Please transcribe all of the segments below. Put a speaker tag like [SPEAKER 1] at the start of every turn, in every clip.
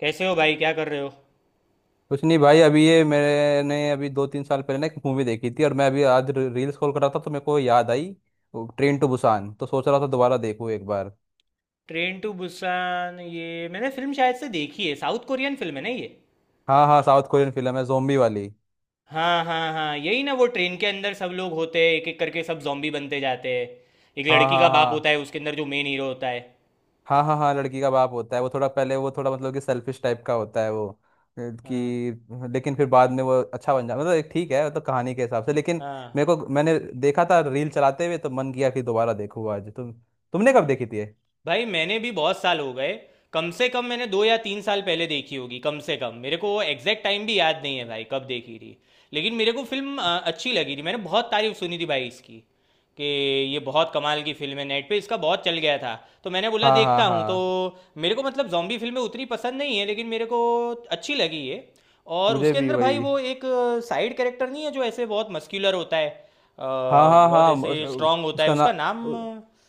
[SPEAKER 1] कैसे हो भाई? क्या कर रहे हो?
[SPEAKER 2] कुछ नहीं भाई। अभी ये मैंने अभी दो तीन साल पहले ना एक मूवी देखी थी, और मैं अभी आज रील स्क्रॉल कर रहा था तो मेरे को याद आई ट्रेन टू बुसान। तो सोच रहा था दोबारा देखूँ एक बार।
[SPEAKER 1] ट्रेन टू बुसान, ये मैंने फिल्म शायद से देखी है। साउथ कोरियन फिल्म है ना ये?
[SPEAKER 2] हाँ हाँ, साउथ कोरियन फिल्म है, जोम्बी वाली।
[SPEAKER 1] हाँ हाँ हाँ, यही ना, वो ट्रेन के अंदर सब लोग होते हैं, एक एक करके सब जॉम्बी बनते जाते हैं। एक
[SPEAKER 2] हाँ
[SPEAKER 1] लड़की का
[SPEAKER 2] हाँ
[SPEAKER 1] बाप होता
[SPEAKER 2] हाँ।
[SPEAKER 1] है उसके अंदर, जो मेन हीरो होता है।
[SPEAKER 2] हाँ हाँ हाँ, लड़की का बाप होता है वो। थोड़ा पहले वो थोड़ा मतलब कि सेल्फिश टाइप का होता है वो अ,
[SPEAKER 1] हाँ।
[SPEAKER 2] कि लेकिन फिर बाद में वो अच्छा बन जाता, मतलब एक ठीक है, मतलब कहानी के हिसाब से, लेकिन
[SPEAKER 1] हाँ
[SPEAKER 2] मेरे को मैंने देखा था रील चलाते हुए तो मन किया कि दोबारा देखूँ आज। तुमने कब देखी थी ये?
[SPEAKER 1] भाई, मैंने भी बहुत साल हो गए। कम से कम मैंने दो या तीन साल पहले देखी होगी, कम से कम। मेरे को वो एग्जैक्ट टाइम भी याद नहीं है भाई कब देखी थी। लेकिन मेरे को फिल्म अच्छी लगी थी। मैंने बहुत तारीफ सुनी थी भाई इसकी कि ये बहुत कमाल की फिल्म है। नेट पे इसका बहुत चल गया था, तो मैंने बोला
[SPEAKER 2] हाँ हाँ
[SPEAKER 1] देखता हूँ। तो
[SPEAKER 2] हाँ।
[SPEAKER 1] मेरे को मतलब जॉम्बी फिल्में उतनी पसंद नहीं है, लेकिन मेरे को अच्छी लगी ये। और
[SPEAKER 2] मुझे
[SPEAKER 1] उसके
[SPEAKER 2] भी
[SPEAKER 1] अंदर भाई
[SPEAKER 2] वही।
[SPEAKER 1] वो एक साइड कैरेक्टर नहीं है जो ऐसे बहुत मस्क्यूलर होता है,
[SPEAKER 2] हाँ हाँ
[SPEAKER 1] बहुत
[SPEAKER 2] हाँ,
[SPEAKER 1] ऐसे
[SPEAKER 2] उस,
[SPEAKER 1] स्ट्रांग होता है,
[SPEAKER 2] उसका ना,
[SPEAKER 1] उसका नाम।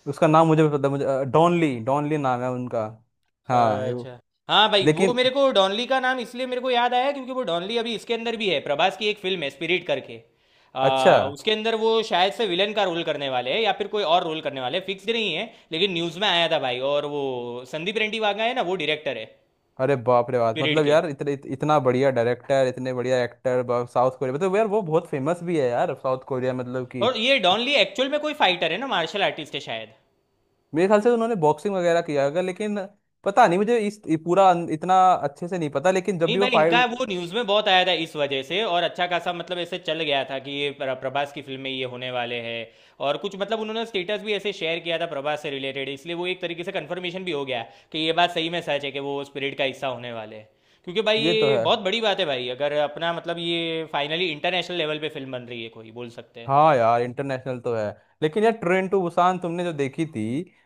[SPEAKER 2] उसका नाम मुझे भी पता। मुझे डॉनली, डॉनली नाम है उनका। हाँ ये
[SPEAKER 1] अच्छा। हाँ भाई, वो
[SPEAKER 2] लेकिन,
[SPEAKER 1] मेरे को डॉनली का नाम इसलिए मेरे को याद आया क्योंकि वो डॉनली अभी इसके अंदर भी है। प्रभास की एक फिल्म है स्पिरिट करके,
[SPEAKER 2] अच्छा।
[SPEAKER 1] उसके अंदर वो शायद से विलन का रोल करने वाले हैं या फिर कोई और रोल करने वाले हैं। फिक्स नहीं है, लेकिन न्यूज़ में आया था भाई। और वो संदीप रेड्डी वाघा है ना, वो डायरेक्टर है
[SPEAKER 2] अरे बाप रे बाप,
[SPEAKER 1] स्पिरिट
[SPEAKER 2] मतलब
[SPEAKER 1] के।
[SPEAKER 2] यार इतने, इतना बढ़िया डायरेक्टर, इतने बढ़िया एक्टर। साउथ कोरिया मतलब यार वो बहुत फेमस भी है यार, साउथ कोरिया मतलब कि,
[SPEAKER 1] और ये डॉनली एक्चुअल में कोई फाइटर है ना, मार्शल आर्टिस्ट है शायद।
[SPEAKER 2] मेरे ख्याल से उन्होंने बॉक्सिंग वगैरह किया होगा, लेकिन पता नहीं। मुझे पूरा इतना अच्छे से नहीं पता, लेकिन जब
[SPEAKER 1] नहीं
[SPEAKER 2] भी वो
[SPEAKER 1] भाई, इनका
[SPEAKER 2] फाइट।
[SPEAKER 1] वो न्यूज़ में बहुत आया था इस वजह से, और अच्छा खासा मतलब ऐसे चल गया था कि प्रभास की फिल्म में ये होने वाले हैं। और कुछ मतलब उन्होंने स्टेटस भी ऐसे शेयर किया था प्रभास से रिलेटेड, इसलिए वो एक तरीके से कंफर्मेशन भी हो गया कि ये बात सही में सच है कि वो स्पिरिट का हिस्सा होने वाले हैं। क्योंकि भाई
[SPEAKER 2] ये तो
[SPEAKER 1] ये
[SPEAKER 2] है।
[SPEAKER 1] बहुत बड़ी बात है भाई, अगर अपना मतलब ये फाइनली इंटरनेशनल लेवल पे फिल्म बन रही है, कोई बोल सकते हैं।
[SPEAKER 2] हाँ यार इंटरनेशनल तो है। लेकिन यार ट्रेन टू बुसान तुमने जो देखी थी,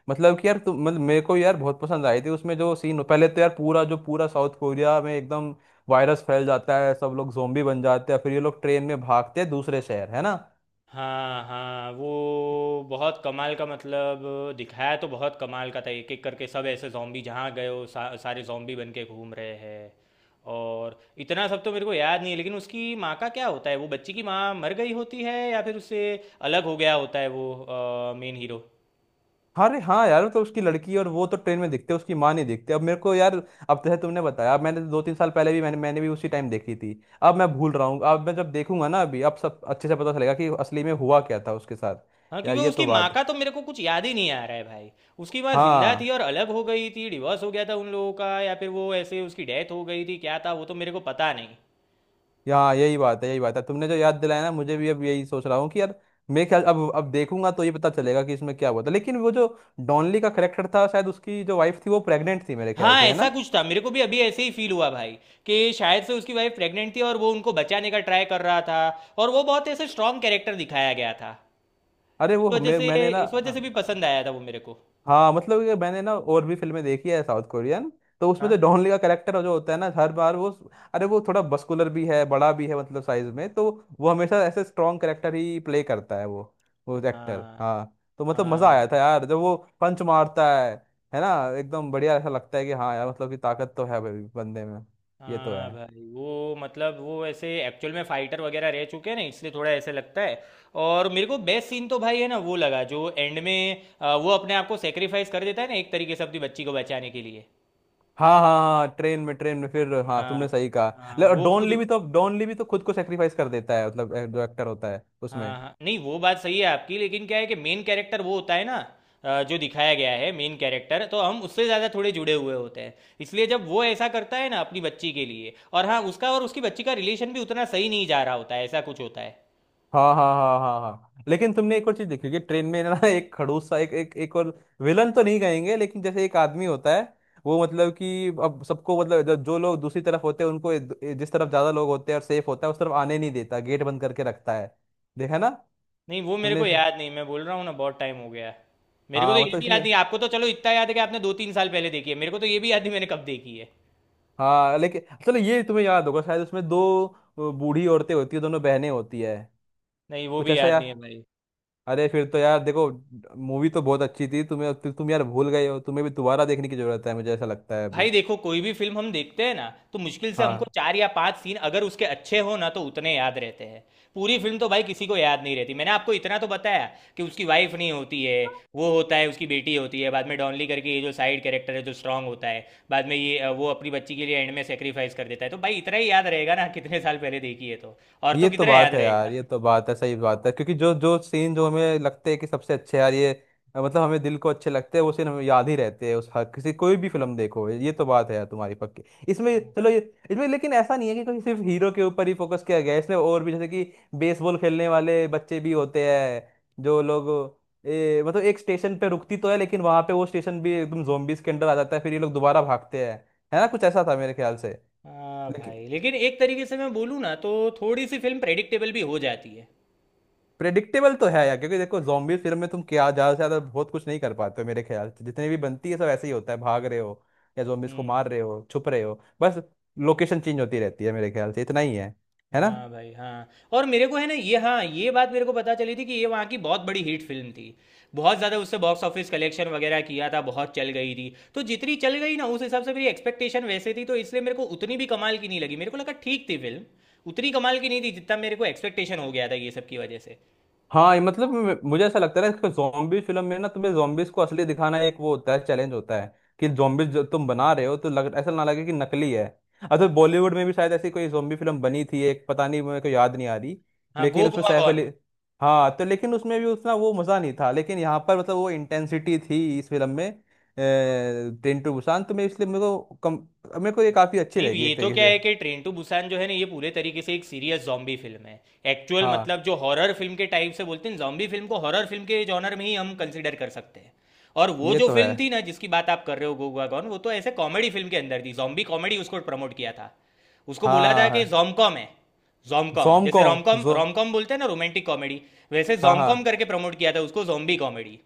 [SPEAKER 2] मतलब कि यार तुम, मतलब मेरे को यार बहुत पसंद आई थी, उसमें जो सीन पहले, तो यार पूरा, जो पूरा साउथ कोरिया में एकदम वायरस फैल जाता है, सब लोग जोम्बी बन जाते हैं, फिर ये लोग ट्रेन में भागते हैं दूसरे शहर, है ना।
[SPEAKER 1] हाँ हाँ। वो बहुत कमाल का मतलब दिखाया तो बहुत कमाल का था। एक एक करके सब ऐसे जॉम्बी जहाँ गए हो, सारे जॉम्बी बन के घूम रहे हैं। और इतना सब तो मेरे को याद नहीं है, लेकिन उसकी माँ का क्या होता है? वो बच्ची की माँ मर गई होती है या फिर उससे अलग हो गया होता है वो मेन हीरो।
[SPEAKER 2] हाँ रे हाँ यार, तो उसकी लड़की और वो तो ट्रेन में दिखते हैं, उसकी माँ नहीं दिखती। अब मेरे को यार अब जैसे तुमने बताया, अब मैंने दो तीन साल पहले भी मैंने मैंने भी उसी टाइम देखी थी। अब मैं भूल रहा हूँ, अब मैं जब देखूंगा ना अभी, अब सब अच्छे से पता चलेगा कि असली में हुआ क्या था उसके
[SPEAKER 1] हाँ
[SPEAKER 2] साथ। यार
[SPEAKER 1] क्योंकि
[SPEAKER 2] ये
[SPEAKER 1] उसकी
[SPEAKER 2] तो
[SPEAKER 1] माँ
[SPEAKER 2] बात
[SPEAKER 1] का तो
[SPEAKER 2] है।
[SPEAKER 1] मेरे को कुछ याद ही नहीं आ रहा है भाई। उसकी माँ जिंदा थी
[SPEAKER 2] हाँ,
[SPEAKER 1] और अलग हो गई थी, डिवोर्स हो गया था उन लोगों का, या फिर वो ऐसे उसकी डेथ हो गई थी, क्या था वो तो मेरे को पता नहीं।
[SPEAKER 2] यहाँ यही बात है, यही बात है, तुमने जो याद दिलाया ना, मुझे भी अब यही सोच रहा हूँ कि यार मैं ख्याल, अब देखूंगा तो ये पता चलेगा कि इसमें क्या हुआ था। लेकिन वो जो डॉनली का करेक्टर था, शायद उसकी जो वाइफ थी वो प्रेग्नेंट थी मेरे ख्याल
[SPEAKER 1] हाँ
[SPEAKER 2] से, है ना।
[SPEAKER 1] ऐसा कुछ था, मेरे को भी अभी ऐसे ही फील हुआ भाई कि शायद से उसकी वाइफ प्रेग्नेंट थी और वो उनको बचाने का ट्राई कर रहा था। और वो बहुत ऐसे स्ट्रांग कैरेक्टर दिखाया गया था,
[SPEAKER 2] अरे
[SPEAKER 1] इस
[SPEAKER 2] वो,
[SPEAKER 1] वजह
[SPEAKER 2] मैं
[SPEAKER 1] से,
[SPEAKER 2] मैंने ना।
[SPEAKER 1] इस वजह से भी पसंद आया था वो मेरे को।
[SPEAKER 2] हाँ मतलब कि मैंने ना और भी फिल्में देखी है साउथ कोरियन। तो उसमें
[SPEAKER 1] हाँ
[SPEAKER 2] जो डॉन ली का कैरेक्टर जो होता है ना, हर बार वो, अरे वो थोड़ा बस्कुलर भी है, बड़ा भी है, मतलब साइज में तो, वो हमेशा ऐसे स्ट्रॉन्ग कैरेक्टर ही प्ले करता है वो एक्टर।
[SPEAKER 1] हाँ।
[SPEAKER 2] हाँ। तो मतलब मजा
[SPEAKER 1] हाँ
[SPEAKER 2] आया था
[SPEAKER 1] भाई,
[SPEAKER 2] यार जब वो पंच मारता है ना, एकदम बढ़िया। ऐसा लगता है कि हाँ यार, मतलब कि ताकत तो है भाई बंदे में। ये तो
[SPEAKER 1] हाँ
[SPEAKER 2] है।
[SPEAKER 1] भाई, वो मतलब वो ऐसे एक्चुअल में फाइटर वगैरह रह चुके हैं ना, इसलिए थोड़ा ऐसे लगता है। और मेरे को बेस्ट सीन तो भाई है ना वो लगा, जो एंड में वो अपने आप को सेक्रीफाइस कर देता है ना एक तरीके से, अपनी बच्ची को बचाने के लिए।
[SPEAKER 2] हाँ हाँ हाँ, ट्रेन में फिर। हाँ तुमने
[SPEAKER 1] हाँ।
[SPEAKER 2] सही कहा।
[SPEAKER 1] हाँ
[SPEAKER 2] और
[SPEAKER 1] वो
[SPEAKER 2] डॉन
[SPEAKER 1] खुद,
[SPEAKER 2] ली भी तो डॉन ली भी तो खुद को सेक्रीफाइस कर देता है, मतलब जो एक्टर होता है उसमें।
[SPEAKER 1] हाँ हाँ नहीं, वो बात सही है आपकी, लेकिन क्या है कि मेन कैरेक्टर वो होता है ना, जो दिखाया गया है मेन कैरेक्टर, तो हम उससे ज़्यादा थोड़े जुड़े हुए होते हैं। इसलिए जब वो ऐसा करता है ना अपनी बच्ची के लिए, और हाँ उसका और उसकी बच्ची का रिलेशन भी उतना सही नहीं जा रहा होता है, ऐसा कुछ होता है।
[SPEAKER 2] हाँ हाँ हाँ हाँ हाँ, लेकिन तुमने एक और चीज देखी होगी ट्रेन में ना एक खड़ूस सा, एक एक एक और विलन तो नहीं कहेंगे, लेकिन जैसे एक आदमी होता है, वो मतलब कि अब सबको, मतलब जो जो लोग दूसरी तरफ होते हैं उनको जिस तरफ ज्यादा लोग होते हैं और सेफ होता है, उस तरफ आने नहीं देता, गेट बंद करके रखता है। देखा ना
[SPEAKER 1] नहीं वो मेरे
[SPEAKER 2] तुमने
[SPEAKER 1] को
[SPEAKER 2] इसे?
[SPEAKER 1] याद नहीं, मैं बोल रहा हूँ ना बहुत टाइम हो गया। मेरे को तो
[SPEAKER 2] हाँ
[SPEAKER 1] ये
[SPEAKER 2] मतलब
[SPEAKER 1] भी याद
[SPEAKER 2] इसमें,
[SPEAKER 1] नहीं, आपको तो चलो इतना याद है कि आपने दो तीन साल पहले देखी है, मेरे को तो ये भी याद नहीं मैंने कब देखी है।
[SPEAKER 2] हाँ लेकिन चलो ये तुम्हें याद होगा शायद, उसमें दो बूढ़ी औरतें होती है, दोनों बहनें होती है,
[SPEAKER 1] नहीं वो
[SPEAKER 2] कुछ
[SPEAKER 1] भी
[SPEAKER 2] ऐसा
[SPEAKER 1] याद नहीं है
[SPEAKER 2] याद।
[SPEAKER 1] भाई।
[SPEAKER 2] अरे फिर तो यार देखो, मूवी तो बहुत अच्छी थी, तुम्हें, तुम यार भूल गए हो, तुम्हें भी दोबारा देखने की जरूरत है मुझे ऐसा लगता है
[SPEAKER 1] भाई
[SPEAKER 2] अभी।
[SPEAKER 1] देखो, कोई भी फिल्म हम देखते हैं ना, तो मुश्किल से हमको
[SPEAKER 2] हाँ
[SPEAKER 1] चार या पांच सीन अगर उसके अच्छे हो ना तो उतने याद रहते हैं। पूरी फिल्म तो भाई किसी को याद नहीं रहती। मैंने आपको इतना तो बताया कि उसकी वाइफ नहीं होती है, वो होता है उसकी बेटी होती है। बाद में डॉनली करके ये जो साइड कैरेक्टर है जो स्ट्रांग होता है, बाद में ये वो अपनी बच्ची के लिए एंड में सेक्रीफाइस कर देता है। तो भाई इतना ही याद रहेगा ना, कितने साल पहले देखी है तो, और तो
[SPEAKER 2] ये तो
[SPEAKER 1] कितना याद
[SPEAKER 2] बात है यार,
[SPEAKER 1] रहेगा।
[SPEAKER 2] ये तो बात है, सही बात है, क्योंकि जो जो सीन जो हमें लगते हैं कि सबसे अच्छे यार ये, मतलब हमें दिल को अच्छे लगते हैं, वो सीन हमें याद ही रहते हैं उस, हर किसी, कोई भी फिल्म देखो, ये तो बात है यार तुम्हारी पक्की। इसमें चलो ये, इसमें लेकिन ऐसा नहीं है कि कोई सिर्फ हीरो के ऊपर ही फोकस किया गया है इसमें, और भी जैसे कि बेसबॉल खेलने वाले बच्चे भी होते हैं, जो लोग, मतलब एक स्टेशन पे रुकती तो है, लेकिन वहां पे वो स्टेशन भी एकदम जोम्बीज के अंडर आ जाता है, फिर ये लोग दोबारा भागते हैं, है ना, कुछ ऐसा था मेरे ख्याल से।
[SPEAKER 1] हाँ भाई, लेकिन एक तरीके से मैं बोलूँ ना तो, थोड़ी सी फिल्म प्रेडिक्टेबल भी हो जाती है।
[SPEAKER 2] प्रेडिक्टेबल तो है यार, क्योंकि देखो, जॉम्बी फिल्म में तुम क्या ज्यादा से ज्यादा, बहुत कुछ नहीं कर पाते हो मेरे ख्याल से, जितने भी बनती है सब ऐसे ही होता है, भाग रहे हो या जॉम्बीज को
[SPEAKER 1] हम्म।
[SPEAKER 2] मार रहे हो, छुप रहे हो बस। लोकेशन चेंज होती रहती है मेरे ख्याल से, इतना ही है ना।
[SPEAKER 1] हाँ भाई हाँ। और मेरे को है ना ये, हाँ ये बात मेरे को पता चली थी कि ये वहाँ की बहुत बड़ी हिट फिल्म थी। बहुत ज़्यादा उससे बॉक्स ऑफिस कलेक्शन वगैरह किया था, बहुत चल गई थी। तो जितनी चल गई ना, उस हिसाब से मेरी एक्सपेक्टेशन वैसे थी, तो इसलिए मेरे को उतनी भी कमाल की नहीं लगी। मेरे को लगा ठीक थी फिल्म, उतनी कमाल की नहीं थी जितना मेरे को एक्सपेक्टेशन हो गया था ये सब की वजह से।
[SPEAKER 2] हाँ, ये मतलब मुझे ऐसा लगता है कि जॉम्बी फिल्म में ना तुम्हें जॉम्बीज को असली दिखाना, एक वो होता है चैलेंज होता है कि जॉम्बीज जो तुम बना रहे हो तो लग, ऐसा ना लगे कि नकली है। अच्छा, बॉलीवुड में भी शायद ऐसी कोई जॉम्बी फिल्म बनी थी एक, पता नहीं मेरे को याद नहीं आ रही।
[SPEAKER 1] हाँ, गो
[SPEAKER 2] लेकिन उसमें
[SPEAKER 1] गोवा
[SPEAKER 2] सैफ
[SPEAKER 1] गॉन।
[SPEAKER 2] अली, हाँ, तो लेकिन उसमें भी उतना वो मज़ा नहीं था, लेकिन यहाँ पर मतलब वो इंटेंसिटी थी इस फिल्म में, ट्रेन टू बुसान। तो मैं इसलिए मेरे को कम, मेरे को ये काफ़ी अच्छी
[SPEAKER 1] नहीं
[SPEAKER 2] लगी
[SPEAKER 1] ये
[SPEAKER 2] एक
[SPEAKER 1] तो
[SPEAKER 2] तरीके
[SPEAKER 1] क्या
[SPEAKER 2] से।
[SPEAKER 1] है कि ट्रेन टू बुसान जो है ना, ये पूरे तरीके से एक सीरियस जॉम्बी फिल्म है। एक्चुअल
[SPEAKER 2] हाँ
[SPEAKER 1] मतलब जो हॉरर फिल्म के टाइप से बोलते हैं, जॉम्बी फिल्म को हॉरर फिल्म के जॉनर में ही हम कंसिडर कर सकते हैं। और वो
[SPEAKER 2] ये
[SPEAKER 1] जो
[SPEAKER 2] तो है।
[SPEAKER 1] फिल्म थी ना जिसकी बात आप कर रहे हो, गोगा गॉन, वो तो ऐसे कॉमेडी फिल्म के अंदर थी, जॉम्बी कॉमेडी उसको प्रमोट किया था। उसको बोला था
[SPEAKER 2] हाँ,
[SPEAKER 1] कि जॉमकॉम है, जॉमकॉम, जैसे
[SPEAKER 2] जोमकॉम
[SPEAKER 1] रोमकॉम
[SPEAKER 2] जो,
[SPEAKER 1] रोमकॉम बोलते हैं ना रोमांटिक कॉमेडी, वैसे
[SPEAKER 2] हाँ हाँ,
[SPEAKER 1] जॉमकॉम करके प्रमोट किया था उसको, जॉम्बी कॉमेडी।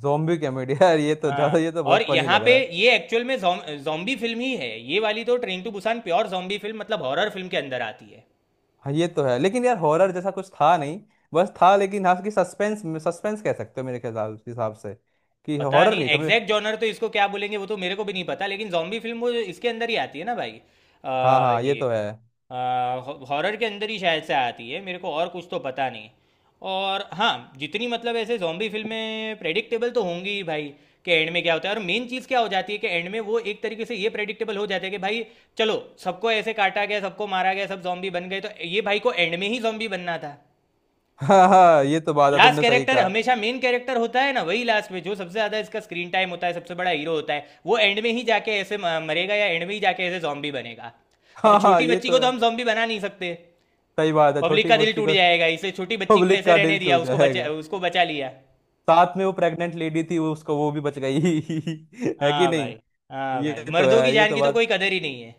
[SPEAKER 2] zombie कॉमेडी यार ये तो
[SPEAKER 1] हाँ।
[SPEAKER 2] ज्यादा, ये तो
[SPEAKER 1] और
[SPEAKER 2] बहुत फनी
[SPEAKER 1] यहाँ
[SPEAKER 2] लग
[SPEAKER 1] पे
[SPEAKER 2] रहा है।
[SPEAKER 1] ये एक्चुअल में जॉम्बी फिल्म ही है ये वाली, तो train to Busan pure zombie film मतलब हॉरर फिल्म के अंदर आती है।
[SPEAKER 2] हाँ ये तो है, लेकिन यार हॉरर जैसा कुछ था नहीं, बस था लेकिन हाँ कि सस्पेंस, सस्पेंस कह सकते हो मेरे ख्याल हिसाब से, कि
[SPEAKER 1] पता
[SPEAKER 2] हॉरर
[SPEAKER 1] नहीं
[SPEAKER 2] नहीं था। मैं,
[SPEAKER 1] एग्जैक्ट जॉनर तो इसको क्या बोलेंगे वो तो मेरे को भी नहीं पता, लेकिन जॉम्बी फिल्म वो इसके अंदर ही आती है ना भाई,
[SPEAKER 2] हाँ
[SPEAKER 1] आ,
[SPEAKER 2] हाँ ये
[SPEAKER 1] ये
[SPEAKER 2] तो है
[SPEAKER 1] हॉरर के अंदर ही शायद से आती है। मेरे को और कुछ तो पता नहीं। और हाँ, जितनी मतलब ऐसे जॉम्बी फिल्में प्रेडिक्टेबल तो होंगी ही भाई, कि एंड में क्या होता है और मेन चीज़ क्या हो जाती है, कि एंड में वो एक तरीके से ये प्रेडिक्टेबल हो जाता है कि भाई चलो, सबको ऐसे काटा गया सबको मारा गया सब जॉम्बी बन गए, तो ये भाई को एंड में ही जॉम्बी बनना था।
[SPEAKER 2] हाँ हाँ ये तो बात है,
[SPEAKER 1] लास्ट
[SPEAKER 2] तुमने सही
[SPEAKER 1] कैरेक्टर
[SPEAKER 2] कहा।
[SPEAKER 1] हमेशा मेन कैरेक्टर होता है ना, वही लास्ट में, जो सबसे ज्यादा इसका स्क्रीन टाइम होता है, सबसे बड़ा हीरो होता है, वो एंड में ही जाके ऐसे मरेगा, या एंड में ही जाके ऐसे जॉम्बी बनेगा। और
[SPEAKER 2] हाँ हाँ
[SPEAKER 1] छोटी
[SPEAKER 2] ये
[SPEAKER 1] बच्ची को
[SPEAKER 2] तो
[SPEAKER 1] तो
[SPEAKER 2] है,
[SPEAKER 1] हम जॉम्बी बना नहीं सकते,
[SPEAKER 2] सही बात है,
[SPEAKER 1] पब्लिक
[SPEAKER 2] छोटी
[SPEAKER 1] का दिल
[SPEAKER 2] बच्ची
[SPEAKER 1] टूट
[SPEAKER 2] को,
[SPEAKER 1] जाएगा, इसलिए छोटी बच्ची को
[SPEAKER 2] पब्लिक
[SPEAKER 1] ऐसे
[SPEAKER 2] का
[SPEAKER 1] रहने
[SPEAKER 2] दिल
[SPEAKER 1] दिया,
[SPEAKER 2] छू जाएगा।
[SPEAKER 1] उसको बचा लिया।
[SPEAKER 2] साथ में वो प्रेग्नेंट लेडी थी वो, उसको वो भी बच गई है कि
[SPEAKER 1] हाँ भाई,
[SPEAKER 2] नहीं।
[SPEAKER 1] हाँ
[SPEAKER 2] ये
[SPEAKER 1] भाई,
[SPEAKER 2] तो
[SPEAKER 1] मर्दों की
[SPEAKER 2] है, ये
[SPEAKER 1] जान
[SPEAKER 2] तो
[SPEAKER 1] की तो कोई
[SPEAKER 2] बात,
[SPEAKER 1] कदर ही नहीं है।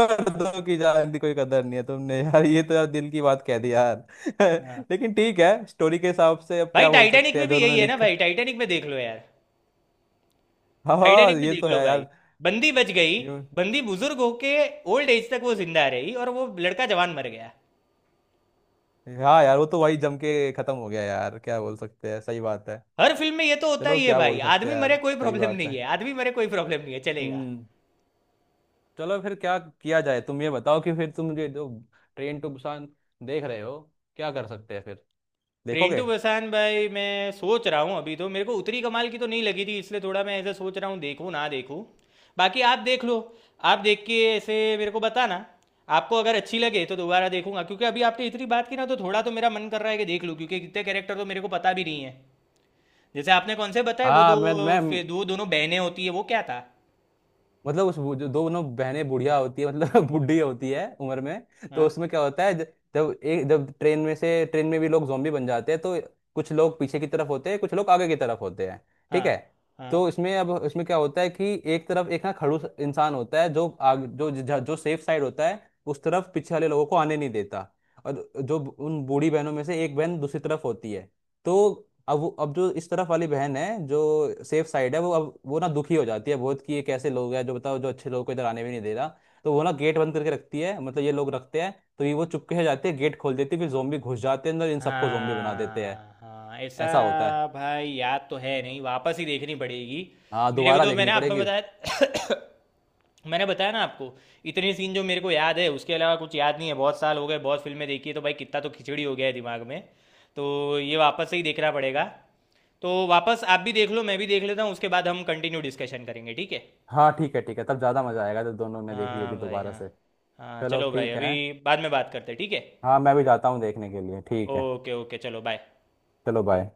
[SPEAKER 2] दो की जान की कोई कदर नहीं है, तुमने यार ये तो यार दिल की बात कह दी यार
[SPEAKER 1] हाँ,
[SPEAKER 2] लेकिन ठीक है, स्टोरी के हिसाब से अब
[SPEAKER 1] भाई
[SPEAKER 2] क्या बोल
[SPEAKER 1] टाइटैनिक
[SPEAKER 2] सकते
[SPEAKER 1] में
[SPEAKER 2] हैं, जो
[SPEAKER 1] भी
[SPEAKER 2] उन्होंने
[SPEAKER 1] यही है ना
[SPEAKER 2] लिख
[SPEAKER 1] भाई, टाइटैनिक में देख लो यार,
[SPEAKER 2] हाँ हाँ
[SPEAKER 1] टाइटैनिक में
[SPEAKER 2] ये
[SPEAKER 1] देख
[SPEAKER 2] तो
[SPEAKER 1] लो
[SPEAKER 2] है
[SPEAKER 1] भाई,
[SPEAKER 2] यार,
[SPEAKER 1] बंदी बच गई,
[SPEAKER 2] ये,
[SPEAKER 1] बंदी बुजुर्ग होके ओल्ड एज तक वो जिंदा रही, और वो लड़का जवान मर गया।
[SPEAKER 2] हाँ यार वो तो वही जम के खत्म हो गया यार, क्या बोल सकते हैं, सही बात है।
[SPEAKER 1] हर फिल्म में ये तो होता
[SPEAKER 2] चलो
[SPEAKER 1] ही है
[SPEAKER 2] क्या
[SPEAKER 1] भाई,
[SPEAKER 2] बोल सकते
[SPEAKER 1] आदमी
[SPEAKER 2] हैं यार,
[SPEAKER 1] मरे कोई
[SPEAKER 2] सही
[SPEAKER 1] प्रॉब्लम
[SPEAKER 2] बात
[SPEAKER 1] नहीं
[SPEAKER 2] है।
[SPEAKER 1] है, आदमी मरे कोई प्रॉब्लम नहीं है, चलेगा।
[SPEAKER 2] हम्म। चलो फिर क्या किया जाए, तुम ये बताओ, कि फिर तुम ये जो ट्रेन टू बुसान देख रहे हो, क्या कर सकते हैं फिर,
[SPEAKER 1] ट्रेन
[SPEAKER 2] देखोगे?
[SPEAKER 1] टू बुसान भाई मैं सोच रहा हूँ, अभी तो मेरे को उतनी कमाल की तो नहीं लगी थी, इसलिए थोड़ा मैं ऐसे सोच रहा हूँ देखूँ ना देखूँ। बाकी आप देख लो, आप देख के ऐसे मेरे को बताना, आपको अगर अच्छी लगे तो दोबारा देखूंगा, क्योंकि अभी आपने इतनी बात की ना तो थोड़ा तो मेरा मन कर रहा है कि देख लूँ, क्योंकि कितने कैरेक्टर तो मेरे को पता भी नहीं है। जैसे आपने कौन से बताए वो दो,
[SPEAKER 2] हाँ, मैं
[SPEAKER 1] फिर दो दोनों बहनें होती है, वो क्या था।
[SPEAKER 2] मतलब उस, वो जो दोनों बहनें बुढ़िया होती है, मतलब बुढ़ी होती है उम्र में, तो
[SPEAKER 1] हाँ
[SPEAKER 2] उसमें क्या होता है जब एक, जब ट्रेन में से, ट्रेन में भी लोग zombie बन जाते हैं, तो कुछ लोग पीछे की तरफ होते हैं, कुछ लोग आगे की तरफ होते हैं,
[SPEAKER 1] हाँ
[SPEAKER 2] ठीक है।
[SPEAKER 1] हाँ
[SPEAKER 2] तो इसमें अब, इसमें क्या होता है कि एक तरफ एक ना खड़ूस इंसान होता है जो जो जो सेफ साइड होता है, उस तरफ पीछे वाले लोगों को आने नहीं देता। और जो उन बूढ़ी बहनों में से एक बहन दूसरी तरफ होती है, तो अब अब जो इस तरफ वाली बहन है जो सेफ साइड है, वो अब, वो ना दुखी हो जाती है बहुत कि ये कैसे लोग हैं जो, बताओ, जो अच्छे लोगों को इधर आने भी नहीं दे रहा। तो वो ना गेट बंद करके रखती है, मतलब ये लोग रखते हैं। तो ये वो चुपके से जाते हैं, गेट खोल देती है, फिर जोम्बी घुस जाते हैं अंदर, इन सबको जोम्बी बना देते हैं,
[SPEAKER 1] हाँ, हाँ, ऐसा।
[SPEAKER 2] ऐसा होता है।
[SPEAKER 1] भाई याद तो है नहीं, वापस ही देखनी पड़ेगी।
[SPEAKER 2] हाँ
[SPEAKER 1] मेरे को
[SPEAKER 2] दोबारा
[SPEAKER 1] तो
[SPEAKER 2] देखनी
[SPEAKER 1] मैंने आपको
[SPEAKER 2] पड़ेगी।
[SPEAKER 1] बताया मैंने बताया ना आपको, इतने सीन जो मेरे को याद है उसके अलावा कुछ याद नहीं है, बहुत साल हो गए, बहुत फिल्में देखी है, तो भाई कितना तो खिचड़ी हो गया है दिमाग में, तो ये वापस से ही देखना पड़ेगा। तो वापस आप भी देख लो, मैं भी देख लेता हूँ, उसके बाद हम कंटिन्यू डिस्कशन करेंगे, ठीक है।
[SPEAKER 2] हाँ ठीक है ठीक है, तब ज़्यादा मज़ा आएगा जब दोनों ने देख ली होगी
[SPEAKER 1] हाँ भाई
[SPEAKER 2] दोबारा
[SPEAKER 1] हाँ।
[SPEAKER 2] से।
[SPEAKER 1] हाँ
[SPEAKER 2] चलो
[SPEAKER 1] चलो भाई,
[SPEAKER 2] ठीक
[SPEAKER 1] अभी
[SPEAKER 2] है।
[SPEAKER 1] बाद में बात करते हैं, ठीक है।
[SPEAKER 2] हाँ मैं भी जाता हूँ देखने के लिए, ठीक है।
[SPEAKER 1] ओके ओके, चलो बाय।
[SPEAKER 2] चलो बाय।